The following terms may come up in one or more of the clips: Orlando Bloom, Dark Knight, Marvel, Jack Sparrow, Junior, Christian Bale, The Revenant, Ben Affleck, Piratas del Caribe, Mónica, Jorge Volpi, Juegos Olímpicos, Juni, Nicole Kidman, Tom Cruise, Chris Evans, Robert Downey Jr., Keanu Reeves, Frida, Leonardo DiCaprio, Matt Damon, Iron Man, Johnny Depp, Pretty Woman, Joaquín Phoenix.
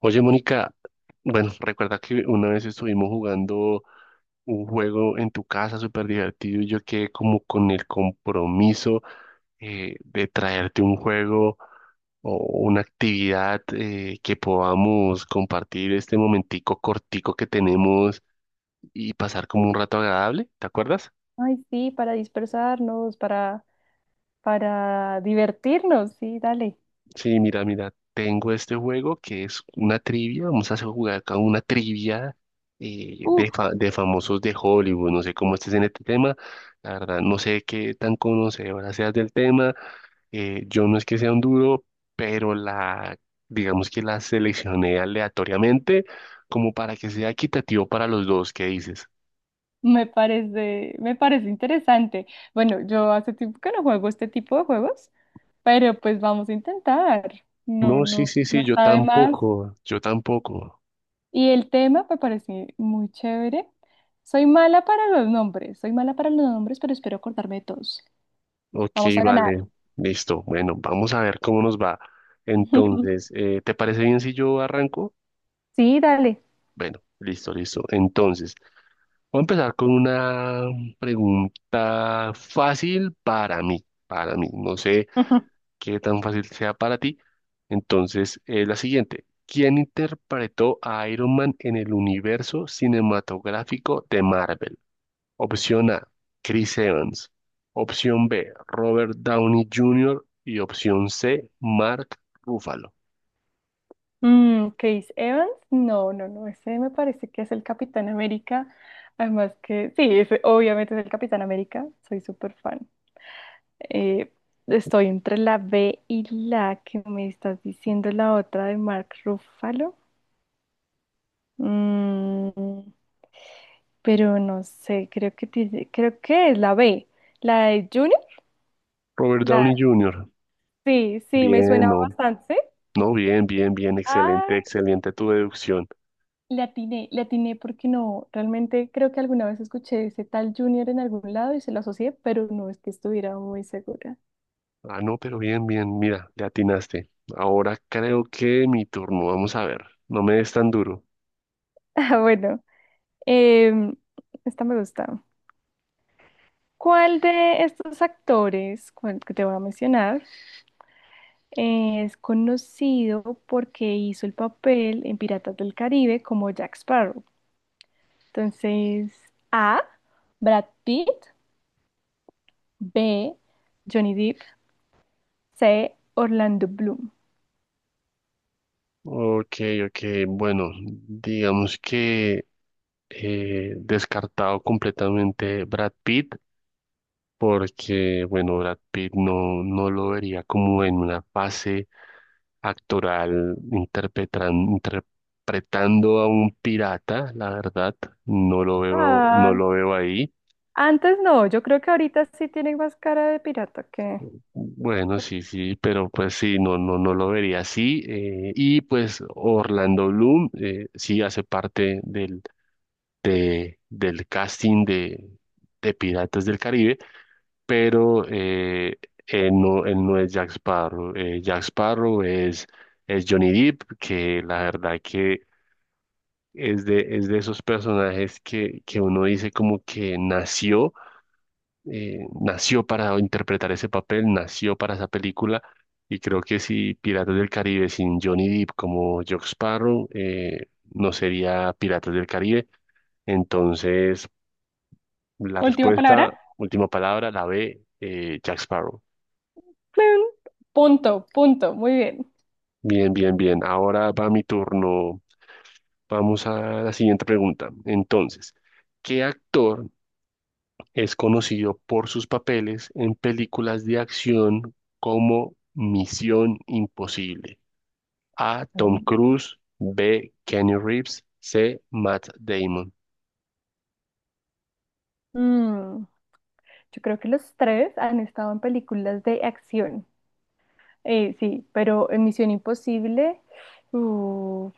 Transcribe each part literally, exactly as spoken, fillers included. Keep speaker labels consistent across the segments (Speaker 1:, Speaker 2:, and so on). Speaker 1: Oye, Mónica, bueno, recuerda que una vez estuvimos jugando un juego en tu casa súper divertido y yo quedé como con el compromiso eh, de traerte un juego o una actividad eh, que podamos compartir este momentico cortico que tenemos y pasar como un rato agradable, ¿te acuerdas?
Speaker 2: Ay, sí, para dispersarnos, para, para divertirnos, sí, dale.
Speaker 1: Sí, mira, mira, tengo este juego que es una trivia, vamos a hacer jugar acá una trivia eh,
Speaker 2: Uf,
Speaker 1: de, fa- de famosos de Hollywood, no sé cómo estés en este tema, la verdad, no sé qué tan conocedora seas del tema, eh, yo no es que sea un duro, pero la, digamos que la seleccioné aleatoriamente como para que sea equitativo para los dos, ¿qué dices?
Speaker 2: me parece, me parece interesante. Bueno, yo hace tiempo que no juego este tipo de juegos, pero pues vamos a intentar. No,
Speaker 1: No, sí,
Speaker 2: no,
Speaker 1: sí,
Speaker 2: no
Speaker 1: sí, yo
Speaker 2: está de más.
Speaker 1: tampoco, yo tampoco.
Speaker 2: Y el tema me parece muy chévere. Soy mala para los nombres, soy mala para los nombres, pero espero acordarme de todos.
Speaker 1: Ok,
Speaker 2: Vamos a ganar.
Speaker 1: vale, listo. Bueno, vamos a ver cómo nos va. Entonces, eh, ¿te parece bien si yo arranco?
Speaker 2: Sí, dale.
Speaker 1: Bueno, listo, listo. Entonces, voy a empezar con una pregunta fácil para mí, para mí. No sé qué tan fácil sea para ti. Entonces, eh, la siguiente. ¿Quién interpretó a Iron Man en el universo cinematográfico de Marvel? Opción A, Chris Evans. Opción B, Robert Downey junior Y opción C, Mark Ruffalo.
Speaker 2: Mm, Chris Evans, no, no, no, ese me parece que es el Capitán América. Además que, sí, ese obviamente es el Capitán América, soy súper fan. Eh, estoy entre la B y la que me estás diciendo, la otra de Mark Ruffalo. Mm, pero no sé, creo que tiene- creo que es la B, la de Juni.
Speaker 1: Robert
Speaker 2: La,
Speaker 1: Downey junior
Speaker 2: sí, sí, me
Speaker 1: Bien,
Speaker 2: suena
Speaker 1: no,
Speaker 2: bastante.
Speaker 1: no, bien, bien, bien, excelente, excelente tu deducción.
Speaker 2: Le atiné, le atiné porque no, realmente creo que alguna vez escuché ese tal Junior en algún lado y se lo asocié, pero no es que estuviera muy segura.
Speaker 1: Ah, no, pero bien, bien, mira, le atinaste. Ahora creo que mi turno, vamos a ver, no me des tan duro.
Speaker 2: Ah, bueno, em, esta me gusta. ¿Cuál de estos actores, cuál que te voy a mencionar, es conocido porque hizo el papel en Piratas del Caribe como Jack Sparrow? Entonces, A, Brad Pitt; B, Johnny Depp; C, Orlando Bloom.
Speaker 1: Ok, ok, bueno, digamos que eh, descartado completamente Brad Pitt, porque, bueno, Brad Pitt no, no lo vería como en una fase actoral interpretan- interpretando a un pirata, la verdad, no lo veo, no lo veo ahí.
Speaker 2: Antes no, yo creo que ahorita sí tienen más cara de pirata que…
Speaker 1: Bueno, sí, sí, pero pues sí, no, no, no lo vería así. Eh, y pues Orlando Bloom eh, sí hace parte del, de- del casting de, de Piratas del Caribe. pero eh, eh, no, él no es Jack Sparrow. Eh, Jack Sparrow es, es Johnny Depp, que la verdad que es de, es de esos personajes que, que uno dice como que nació, eh, nació para interpretar ese papel, nació para esa película. Y creo que si Piratas del Caribe sin Johnny Depp como Jack Sparrow, eh, no sería Piratas del Caribe. Entonces, la
Speaker 2: Última palabra.
Speaker 1: respuesta, última palabra, la B, eh, Jack Sparrow.
Speaker 2: Plum. Punto, punto, muy bien.
Speaker 1: Bien, bien, bien. Ahora va mi turno. Vamos a la siguiente pregunta. Entonces, ¿qué actor es conocido por sus papeles en películas de acción como Misión Imposible? A. Tom
Speaker 2: Mm.
Speaker 1: Cruise. B. Keanu Reeves. C. Matt Damon.
Speaker 2: Mm, Yo creo que los tres han estado en películas de acción. Eh, sí, pero en Misión Imposible, uh,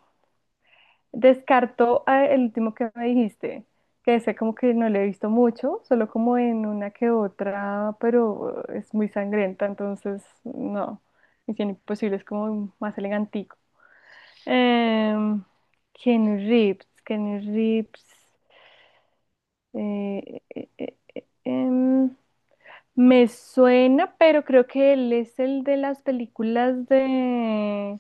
Speaker 2: descarto a el último que me dijiste, que sé como que no le he visto mucho, solo como en una que otra, pero eh, es muy sangrienta, entonces no. Misión Imposible es como más elegante. Em, Keanu Reeves, Keanu Reeves. eh, eh, eh, eh, em, Me suena, pero creo que él es el de las películas de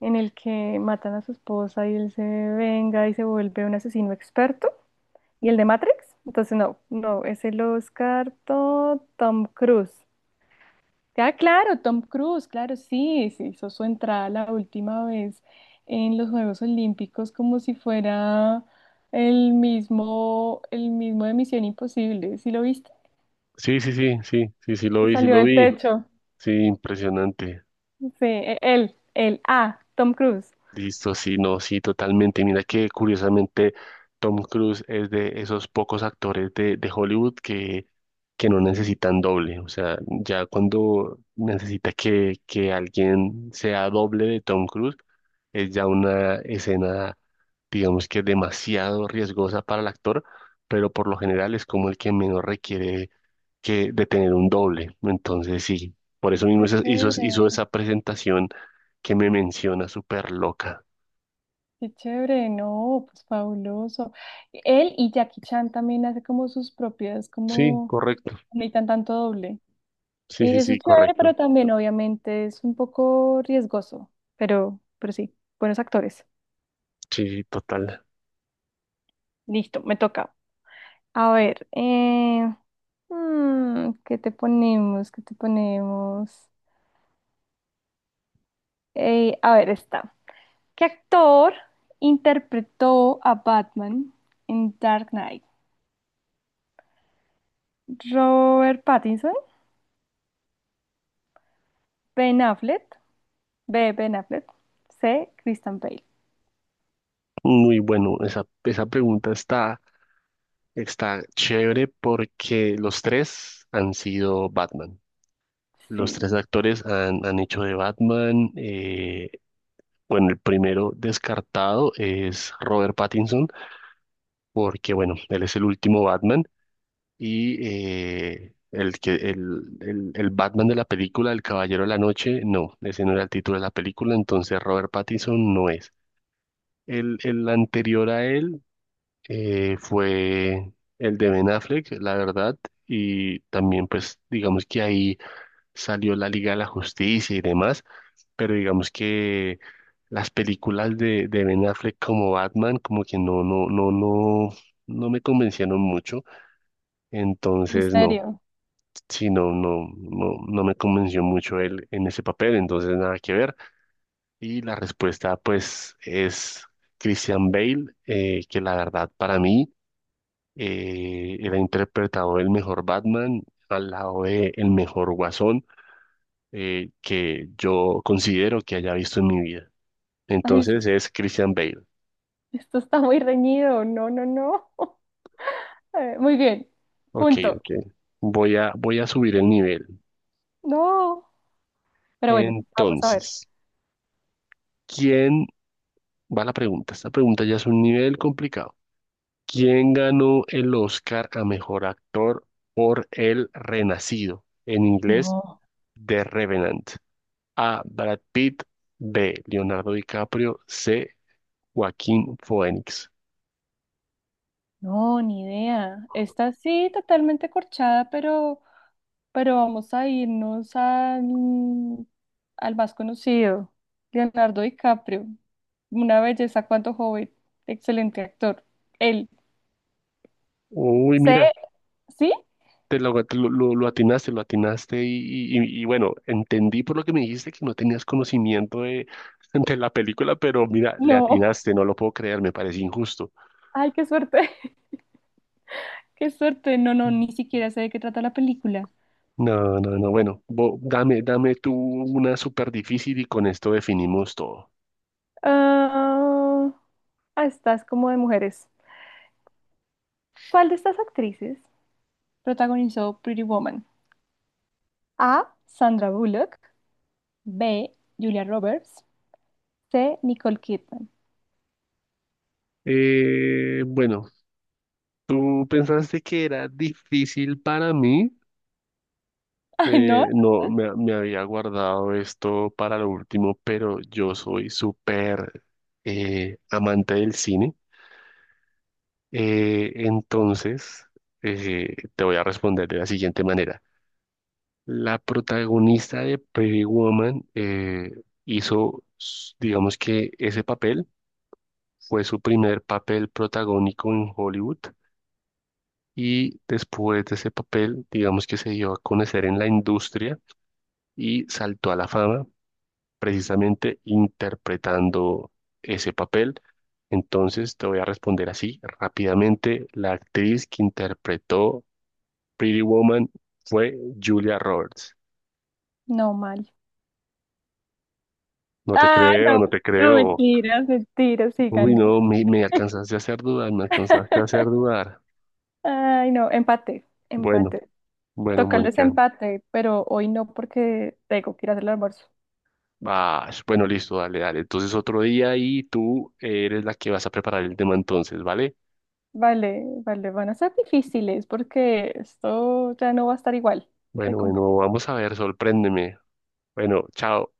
Speaker 2: en el que matan a su esposa y él se venga y se vuelve un asesino experto. ¿Y el de Matrix? Entonces no, no, es el Oscar Tom Cruise. Ah, claro, Tom Cruise, claro, sí, se hizo su entrada la última vez en los Juegos Olímpicos como si fuera el mismo, el mismo de Misión Imposible, ¿sí lo viste?
Speaker 1: Sí, sí, sí, sí, sí, sí lo
Speaker 2: Que
Speaker 1: vi, sí
Speaker 2: salió
Speaker 1: lo
Speaker 2: del
Speaker 1: vi.
Speaker 2: techo.
Speaker 1: Sí, impresionante.
Speaker 2: Sí, e- él, él, ah, Tom Cruise.
Speaker 1: Listo, sí, no, sí, totalmente. Mira que curiosamente Tom Cruise es de esos pocos actores de, de Hollywood que, que no necesitan doble. O sea, ya cuando necesita que, que alguien sea doble de Tom Cruise, es ya una escena, digamos que demasiado riesgosa para el actor, pero por lo general es como el que menos requiere que, de tener un doble. Entonces, sí, por eso mismo
Speaker 2: Qué
Speaker 1: hizo, hizo hizo
Speaker 2: chévere,
Speaker 1: esa presentación que me menciona súper loca.
Speaker 2: qué chévere, no, pues fabuloso. Él y Jackie Chan también hace como sus propias,
Speaker 1: Sí,
Speaker 2: como,
Speaker 1: correcto.
Speaker 2: necesitan tanto doble.
Speaker 1: Sí, sí,
Speaker 2: Eh, eso
Speaker 1: sí,
Speaker 2: es chévere,
Speaker 1: correcto.
Speaker 2: pero también obviamente es un poco riesgoso, pero, pero sí, buenos actores.
Speaker 1: Sí, sí, total.
Speaker 2: Listo, me toca. A ver, eh, mm, ¿qué te ponemos? ¿Qué te ponemos? Eh, a ver, está. ¿Qué actor interpretó a Batman en Dark Knight? ¿Robert Pattinson? ¿Ben Affleck? B, Ben Affleck. C, Christian Bale.
Speaker 1: Muy bueno. Esa, esa pregunta está, está chévere porque los tres han sido Batman. Los
Speaker 2: Sí,
Speaker 1: tres actores han, han hecho de Batman. Eh, bueno, el primero descartado es Robert Pattinson porque, bueno, él es el último Batman y eh, el, que, el, el, el Batman de la película, El Caballero de la Noche, no, ese no era el título de la película, entonces Robert Pattinson no es. El, el anterior a él eh, fue el de Ben Affleck, la verdad, y también pues digamos que ahí salió la Liga de la Justicia y demás, pero digamos que las películas de, de Ben Affleck como Batman como que no, no, no, no, no me convencieron mucho,
Speaker 2: muy
Speaker 1: entonces no,
Speaker 2: serio.
Speaker 1: sí, no, no, no, no me convenció mucho él en ese papel, entonces nada que ver. Y la respuesta, pues, es Christian Bale, eh, que la verdad para mí eh, él interpretado el mejor Batman al lado de el mejor Guasón eh, que yo considero que haya visto en mi vida.
Speaker 2: Ay, esto,
Speaker 1: Entonces es Christian Bale.
Speaker 2: esto está muy reñido. No, no, no. Eh, Muy bien.
Speaker 1: Ok,
Speaker 2: Punto.
Speaker 1: ok. Voy a, voy a subir el nivel.
Speaker 2: No. Pero bueno, vamos a ver.
Speaker 1: Entonces, ¿quién va la pregunta? Esta pregunta ya es un nivel complicado. ¿Quién ganó el Oscar a mejor actor por El Renacido? En inglés,
Speaker 2: No,
Speaker 1: The Revenant. A. Brad Pitt. B. Leonardo DiCaprio. C. Joaquín Phoenix.
Speaker 2: no, ni idea. Está sí, totalmente corchada, pero, pero vamos a irnos al, al más conocido, Leonardo DiCaprio. Una belleza, cuanto joven. Excelente actor. Él.
Speaker 1: Uy,
Speaker 2: ¿Sé?
Speaker 1: mira,
Speaker 2: ¿Sí?
Speaker 1: te lo, te lo- lo- lo atinaste, lo atinaste. Y, y- y- y bueno, entendí por lo que me dijiste que no tenías conocimiento de, de la película, pero mira, le
Speaker 2: No.
Speaker 1: atinaste, no lo puedo creer, me parece injusto.
Speaker 2: Ay, qué suerte. Qué suerte. No, no, ni siquiera sé de qué trata la película.
Speaker 1: No, no, no. Bueno, bo- dame, dame tú una súper difícil y con esto definimos todo.
Speaker 2: Ah, ah, estás como de mujeres. ¿Cuál de estas actrices protagonizó Pretty Woman? A, Sandra Bullock. B, Julia Roberts. C, Nicole Kidman.
Speaker 1: Eh, bueno, tú pensaste que era difícil para mí.
Speaker 2: Ay, no.
Speaker 1: Eh, no, me, Me había guardado esto para lo último, pero yo soy súper eh, amante del cine. Eh, entonces, eh, te voy a responder de la siguiente manera. La protagonista de Pretty Woman eh, hizo, s- digamos que ese papel fue su primer papel protagónico en Hollywood y después de ese papel, digamos que se dio a conocer en la industria y saltó a la fama precisamente interpretando ese papel. Entonces te voy a responder así rápidamente. La actriz que interpretó Pretty Woman fue Julia Roberts.
Speaker 2: No mal.
Speaker 1: No te
Speaker 2: Ah, no.
Speaker 1: creo, no te
Speaker 2: No,
Speaker 1: creo.
Speaker 2: mentiras. Mentira, sí
Speaker 1: Uy,
Speaker 2: gané.
Speaker 1: no, me, me alcanzaste a hacer dudar, me alcanzaste a hacer dudar.
Speaker 2: Ay, no, empate,
Speaker 1: Bueno,
Speaker 2: empate.
Speaker 1: bueno,
Speaker 2: Toca el
Speaker 1: Mónica,
Speaker 2: desempate, pero hoy no porque tengo que ir a hacer el almuerzo.
Speaker 1: ah, bueno, listo, dale, dale. Entonces otro día y tú eres la que vas a preparar el tema entonces, ¿vale?
Speaker 2: Vale, vale, van a ser difíciles porque esto ya no va a estar igual de
Speaker 1: Bueno, bueno,
Speaker 2: competitivo.
Speaker 1: vamos a ver, sorpréndeme. Bueno, chao.